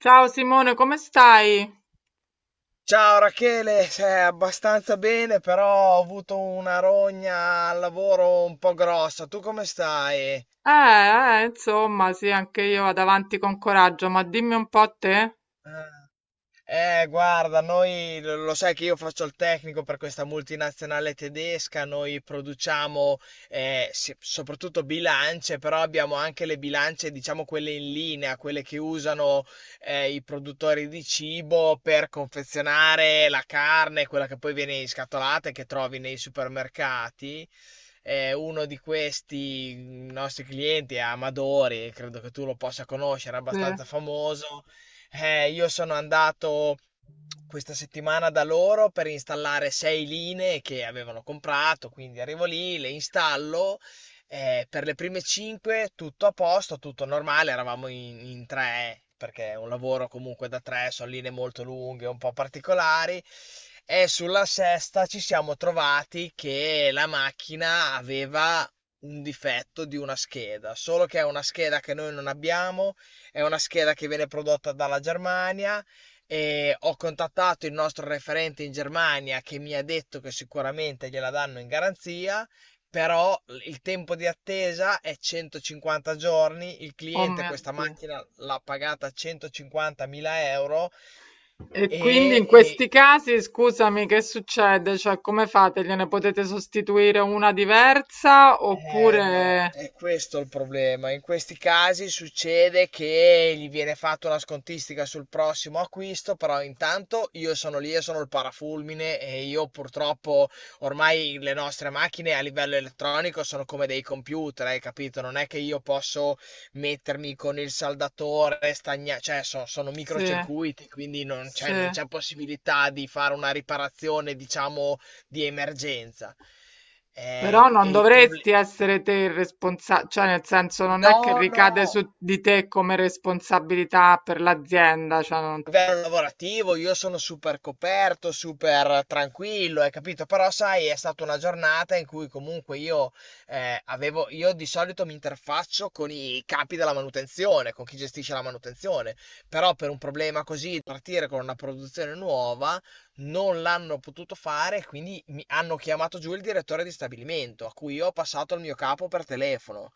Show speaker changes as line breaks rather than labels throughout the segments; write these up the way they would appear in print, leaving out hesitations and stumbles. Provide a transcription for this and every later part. Ciao Simone, come stai?
Ciao Rachele, abbastanza bene, però ho avuto una rogna al lavoro un po' grossa. Tu come stai?
Insomma, sì, anche io vado avanti con coraggio, ma dimmi un po' a te.
Eh, Guarda, noi lo sai che io faccio il tecnico per questa multinazionale tedesca. Noi produciamo soprattutto bilance, però abbiamo anche le bilance, diciamo quelle in linea, quelle che usano i produttori di cibo per confezionare la carne, quella che poi viene in scatolata e che trovi nei supermercati. Uno di questi nostri clienti è Amadori. Credo che tu lo possa conoscere, è
Sì.
abbastanza famoso. Io sono andato questa settimana da loro per installare sei linee che avevano comprato, quindi arrivo lì, le installo. Per le prime cinque tutto a posto, tutto normale, eravamo in tre, perché è un lavoro comunque da tre, sono linee molto lunghe, un po' particolari. E sulla sesta ci siamo trovati che la macchina aveva un difetto di una scheda. Solo che è una scheda che noi non abbiamo, è una scheda che viene prodotta dalla Germania, e ho contattato il nostro referente in Germania che mi ha detto che sicuramente gliela danno in garanzia, però il tempo di attesa è 150 giorni. Il
Oh
cliente
mio
questa
Dio.
macchina l'ha pagata 150.000 euro.
E quindi
e,
in questi
e-
casi, scusami, che succede? Cioè, come fate? Gliene potete sostituire una diversa
Eh no,
oppure...
è questo il problema. In questi casi succede che gli viene fatta una scontistica sul prossimo acquisto, però intanto io sono lì e sono il parafulmine, e io purtroppo ormai le nostre macchine a livello elettronico sono come dei computer, hai capito? Non è che io posso mettermi con il saldatore, cioè sono
Sì,
microcircuiti, quindi non c'è
sì.
non c'è possibilità di fare una riparazione, diciamo, di emergenza.
Però non
E il problema.
dovresti essere te il responsabile, cioè nel senso non è che
No, no,
ricade su di te come responsabilità per l'azienda, cioè
a
non ti...
livello lavorativo io sono super coperto, super tranquillo, hai capito? Però sai, è stata una giornata in cui comunque io avevo, io di solito mi interfaccio con i capi della manutenzione, con chi gestisce la manutenzione. Però per un problema così, dire con una produzione nuova, non l'hanno potuto fare, e quindi mi hanno chiamato giù il direttore di stabilimento, a cui io ho passato il mio capo per telefono.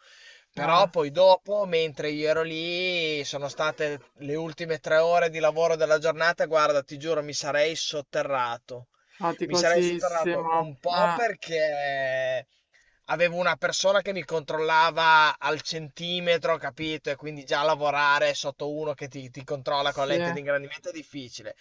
Però
eh.
poi dopo, mentre io ero lì, sono state le ultime 3 ore di lavoro della giornata. Guarda, ti giuro, mi sarei sotterrato. Mi sarei sotterrato
Faticosissimo.
un po' perché avevo una persona che mi controllava al centimetro, capito? E quindi già lavorare sotto uno che ti controlla con la lente
Sì,
di ingrandimento è difficile.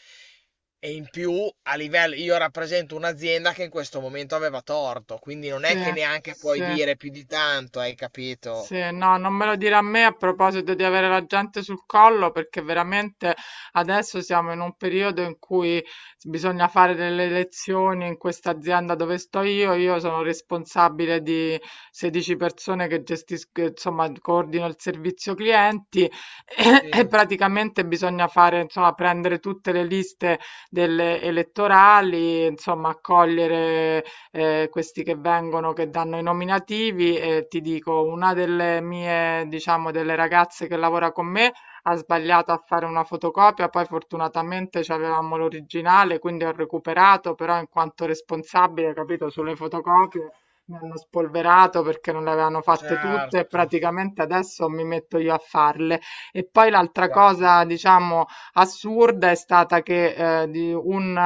E in più, a livello, io rappresento un'azienda che in questo momento aveva torto, quindi non
sì,
è che neanche puoi
sì.
dire più di tanto, hai capito?
Sì, no, non me lo dire a me a proposito di avere la gente sul collo, perché veramente adesso siamo in un periodo in cui bisogna fare delle elezioni in questa azienda dove sto io. Io sono responsabile di 16 persone che gestisco, insomma, coordino il servizio clienti e
Sì,
praticamente bisogna fare, insomma, prendere tutte le liste delle elettorali, insomma, accogliere questi che vengono, che danno i nominativi e ti dico, una delle mie, diciamo, delle ragazze che lavora con me ha sbagliato a fare una fotocopia, poi fortunatamente avevamo l'originale, quindi ho recuperato, però in quanto responsabile, capito, sulle fotocopie mi hanno spolverato perché non le avevano fatte tutte e
certo,
praticamente adesso mi metto io a farle. E poi l'altra
fatto
cosa,
bene.
diciamo, assurda è stata che di un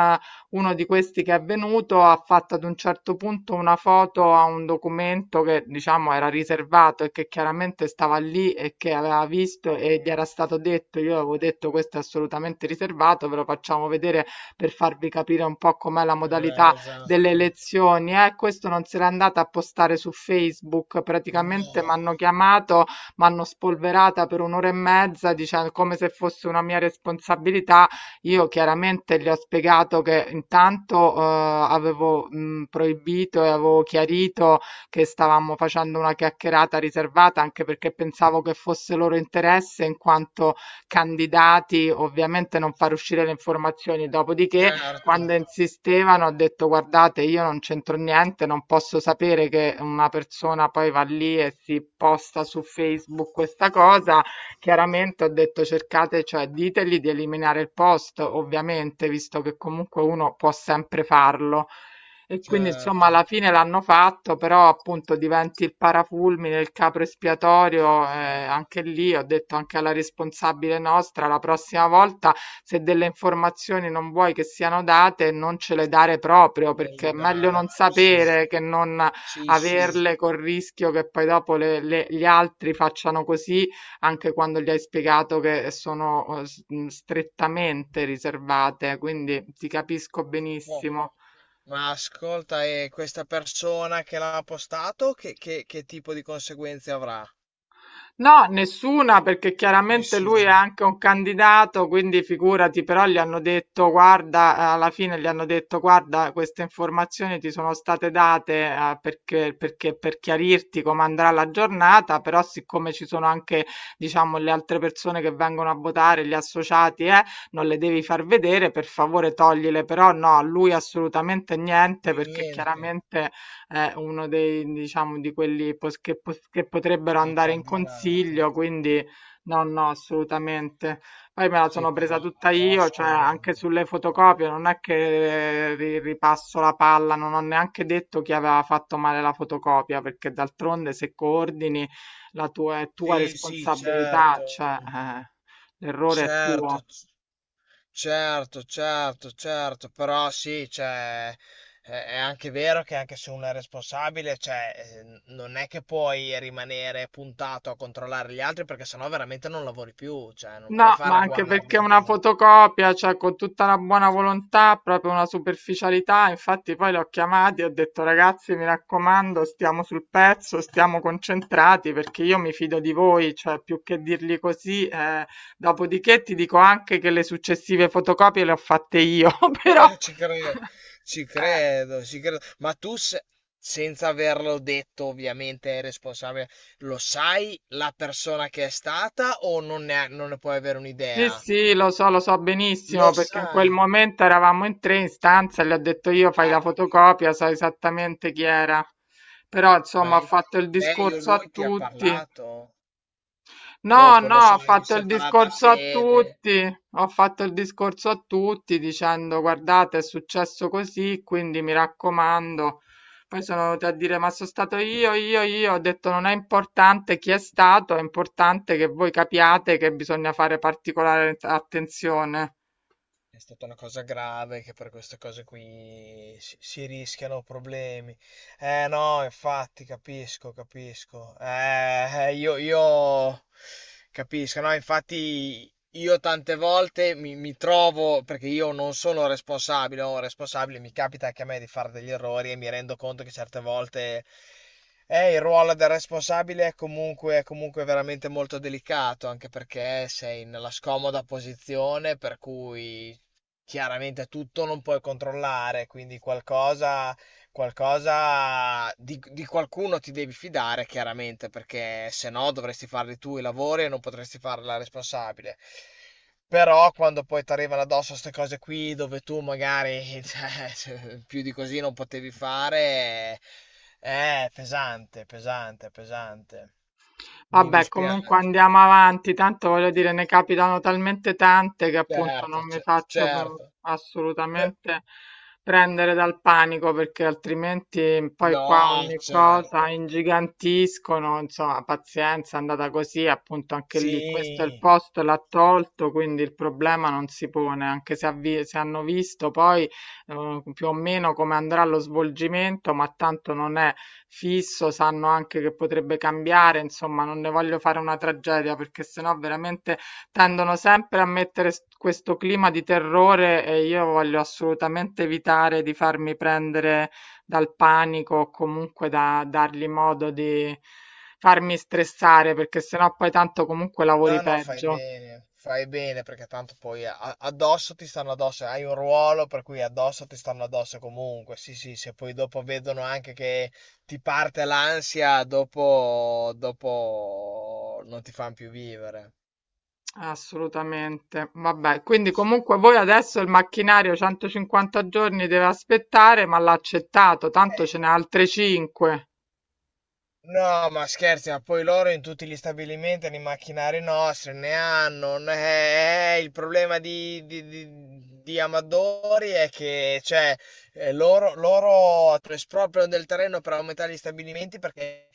uno di questi che è venuto ha fatto ad un certo punto una foto a un documento che diciamo era riservato e che chiaramente stava lì e che aveva visto e gli era stato detto, io avevo detto questo è assolutamente riservato, ve lo facciamo vedere per farvi capire un po' com'è la modalità delle
Esatto.
elezioni. Questo non se l'è andata a postare su Facebook, praticamente mi
No,
hanno chiamato, mi hanno spolverata per un'ora e mezza dicendo come se fosse una mia responsabilità. Io chiaramente gli ho spiegato che intanto, avevo, proibito e avevo chiarito che stavamo facendo una chiacchierata riservata, anche perché pensavo che fosse loro interesse in quanto candidati, ovviamente non far uscire le informazioni. Dopodiché,
certo,
quando insistevano, ho detto: "Guardate, io non c'entro niente, non posso sapere che una persona poi va lì e si posta su Facebook questa cosa". Chiaramente ho detto cercate, cioè ditegli di eliminare il post, ovviamente, visto che comunque uno può sempre farlo. E quindi insomma alla
certo.
fine l'hanno fatto, però appunto diventi il parafulmine, il capro espiatorio,
Eh,
anche lì ho detto anche alla responsabile nostra, la prossima volta se delle informazioni non vuoi che siano date, non ce le dare proprio,
Non
perché
gli
è meglio non
dare. Sì,
sapere che non
sì, sì.
averle col rischio che poi dopo gli altri facciano così anche quando gli hai spiegato che sono strettamente riservate, quindi ti capisco
Oh,
benissimo.
ma ascolta, e questa persona che l'ha postato, che tipo di conseguenze avrà?
No, nessuna, perché chiaramente lui è
Nessuna.
anche un candidato, quindi figurati, però gli hanno detto, guarda, alla fine gli hanno detto, guarda, queste informazioni ti sono state date, perché, perché per chiarirti come andrà la giornata, però siccome ci sono anche, diciamo, le altre persone che vengono a votare, gli associati, non le devi far vedere, per favore toglile, però no, a lui assolutamente niente,
Lui
perché
niente
chiaramente è uno dei diciamo di quelli pos che potrebbero
dei
andare in
candidati.
consiglio, quindi no, no, assolutamente. Poi me la
Sì,
sono
però,
presa tutta
però
io, cioè anche
scusami.
sulle
Poi-
fotocopie, non è che ripasso la palla, non ho neanche detto chi aveva fatto male la fotocopia, perché d'altronde se coordini la tua, è tua
Sì, sì,
responsabilità, cioè
certo.
l'errore è
Certo,
tuo.
certo, certo, certo, però sì, cioè, è anche vero che anche se uno è responsabile, cioè, non è che puoi rimanere puntato a controllare gli altri perché sennò veramente non lavori più, cioè, non puoi
No,
fare
ma
la
anche perché è
guardia
una
comunque.
fotocopia, cioè con tutta la buona volontà, proprio una superficialità, infatti poi li ho chiamati e ho detto ragazzi, mi raccomando, stiamo sul pezzo, stiamo concentrati perché io mi fido di voi, cioè più che dirgli così, dopodiché ti dico anche che le successive fotocopie le ho fatte io, però...
Ci credo, ci
eh.
credo, ci credo. Ma tu, senza averlo detto, ovviamente è responsabile, lo sai la persona che è stata, o non ne puoi avere
Sì,
un'idea?
sì, lo so benissimo
Lo
perché in quel
sai.
momento eravamo in tre in stanza e le ho detto io fai la
Ah,
fotocopia, so esattamente chi era. Però
ma
insomma ho
lei,
fatto il
lei o
discorso
lui
a
ti ha
tutti.
parlato?
No,
Dopo, non
no,
so,
ho
in
fatto il
separata
discorso a
sede.
tutti, ho fatto il discorso a tutti dicendo guardate è successo così, quindi mi raccomando. Poi sono venuti a dire ma sono stato io, ho detto non è importante chi è stato, è importante che voi capiate che bisogna fare particolare attenzione.
È stata una cosa grave, che per queste cose qui si rischiano problemi. Eh no, infatti, capisco, capisco. Io capisco, no, infatti io tante volte mi trovo, perché io non sono responsabile, o responsabile, mi capita anche a me di fare degli errori, e mi rendo conto che certe volte il ruolo del responsabile è comunque veramente molto delicato, anche perché sei nella scomoda posizione per cui chiaramente tutto non puoi controllare, quindi qualcosa di qualcuno ti devi fidare chiaramente, perché se no dovresti farli tu i lavori e non potresti farla responsabile. Però quando poi ti arrivano addosso ste cose qui, dove tu magari cioè, più di così non potevi fare, è pesante, pesante, pesante. Mi
Vabbè, comunque
dispiace.
andiamo avanti, tanto voglio dire, ne capitano talmente tante che appunto
Certo,
non mi faccio
certo. Pe-
assolutamente prendere dal panico perché altrimenti poi qua
No,
ogni cosa
certo.
ingigantiscono, insomma, pazienza, è andata così, appunto anche lì, questo è il
Sì,
posto, l'ha tolto, quindi il problema non si pone, anche se, se hanno visto poi più o meno come andrà lo svolgimento, ma tanto non è fisso, sanno anche che potrebbe cambiare, insomma non ne voglio fare una tragedia perché sennò veramente tendono sempre a mettere s questo clima di terrore e io voglio assolutamente evitare di farmi prendere dal panico o comunque da dargli modo di farmi stressare, perché sennò poi tanto comunque lavori
no, no, fai
peggio.
bene, fai bene, perché tanto poi addosso ti stanno addosso, hai un ruolo per cui addosso ti stanno addosso comunque. Sì, sì, se poi dopo vedono anche che ti parte l'ansia, dopo, non ti fanno più vivere.
Assolutamente. Vabbè, quindi comunque voi adesso il macchinario 150 giorni deve aspettare, ma l'ha accettato, tanto ce
Eh,
n'è altre 5.
No, ma scherzi, ma poi loro in tutti gli stabilimenti hanno i macchinari nostri, ne hanno. Il problema di Amadori è che cioè, loro espropriano del terreno per aumentare gli stabilimenti, perché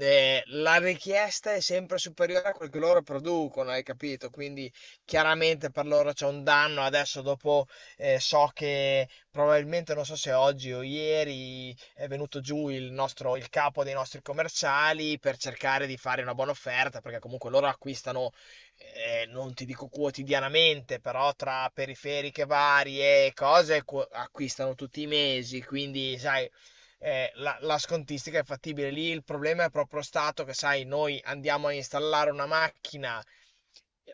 la richiesta è sempre superiore a quel che loro producono, hai capito? Quindi chiaramente per loro c'è un danno. Adesso dopo so che probabilmente, non so se oggi o ieri è venuto giù il nostro, il capo dei nostri commerciali, per cercare di fare una buona offerta, perché comunque loro acquistano, non ti dico quotidianamente, però tra periferiche varie e cose acquistano tutti i mesi, quindi sai, la scontistica è fattibile. Lì il problema è proprio stato che, sai, noi andiamo a installare una macchina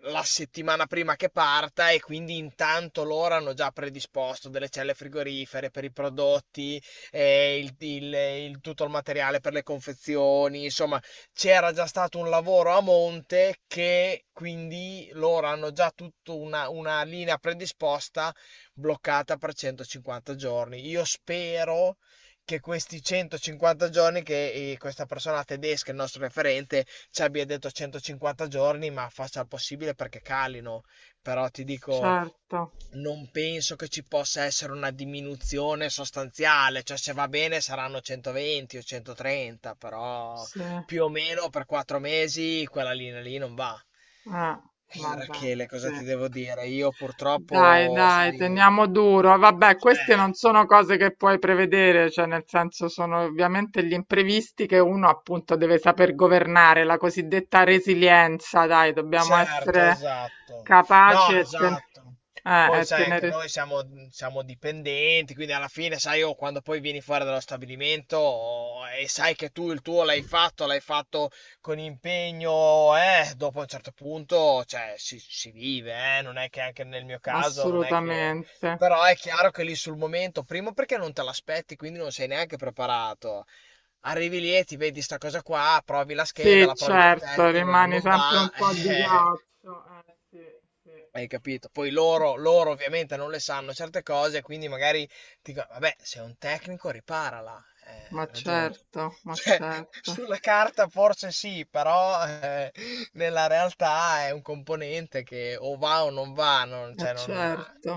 la settimana prima che parta, e quindi intanto loro hanno già predisposto delle celle frigorifere per i prodotti, eh, il, il- tutto il materiale per le confezioni, insomma, c'era già stato un lavoro a monte, che quindi loro hanno già tutta una linea predisposta, bloccata per 150 giorni. Io spero che questi 150 giorni che questa persona tedesca, il nostro referente, ci abbia detto 150 giorni, ma faccia il possibile perché calino. Però ti dico,
Certo,
non penso che ci possa essere una diminuzione sostanziale, cioè se va bene saranno 120 o 130, però
sì.
più o meno per 4 mesi quella linea lì non va.
Eh, vabbè,
Rachele, cosa
sì.
ti devo dire? Io
Dai,
purtroppo,
dai,
sai,
teniamo duro. Vabbè, queste non
certo,
sono cose che puoi prevedere, cioè nel senso sono ovviamente gli imprevisti che uno appunto deve saper governare, la cosiddetta resilienza, dai, dobbiamo
certo,
essere
esatto.
capaci
No, esatto. Poi
e
sai, anche
tenere...
noi siamo dipendenti, quindi alla fine, sai, io quando poi vieni fuori dallo stabilimento, oh, e sai che tu il tuo l'hai fatto con impegno, dopo un certo punto, cioè, si vive, non è che anche nel mio caso, non è che...
Assolutamente.
Però è chiaro che lì sul momento, primo perché non te l'aspetti, quindi non sei neanche preparato. Arrivi lì e ti vedi sta cosa qua, provi la scheda,
Sì,
la provi con
certo,
tester,
rimane
non
sempre
va.
un po' di ghiaccio. Sì,
Hai capito? Poi
sì.
loro ovviamente non le sanno certe cose, quindi magari ti dico, vabbè, sei un tecnico, riparala.
Ma
Hai ragione.
certo, ma
Cioè,
certo,
sulla carta forse sì, però nella realtà è un componente che o va o non va, non,
ma
cioè non...
certo.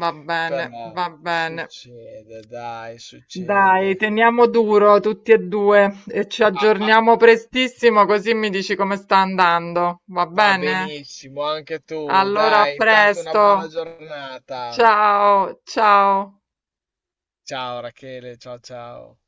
Va bene,
Però
va bene.
succede, dai,
Dai,
succede.
teniamo duro tutti e due e ci
Ah, ah,
aggiorniamo prestissimo così mi dici come sta andando. Va
va
bene?
benissimo, anche tu,
Allora, a
dai, intanto una buona
presto.
giornata.
Ciao, ciao.
Ciao Rachele, ciao ciao.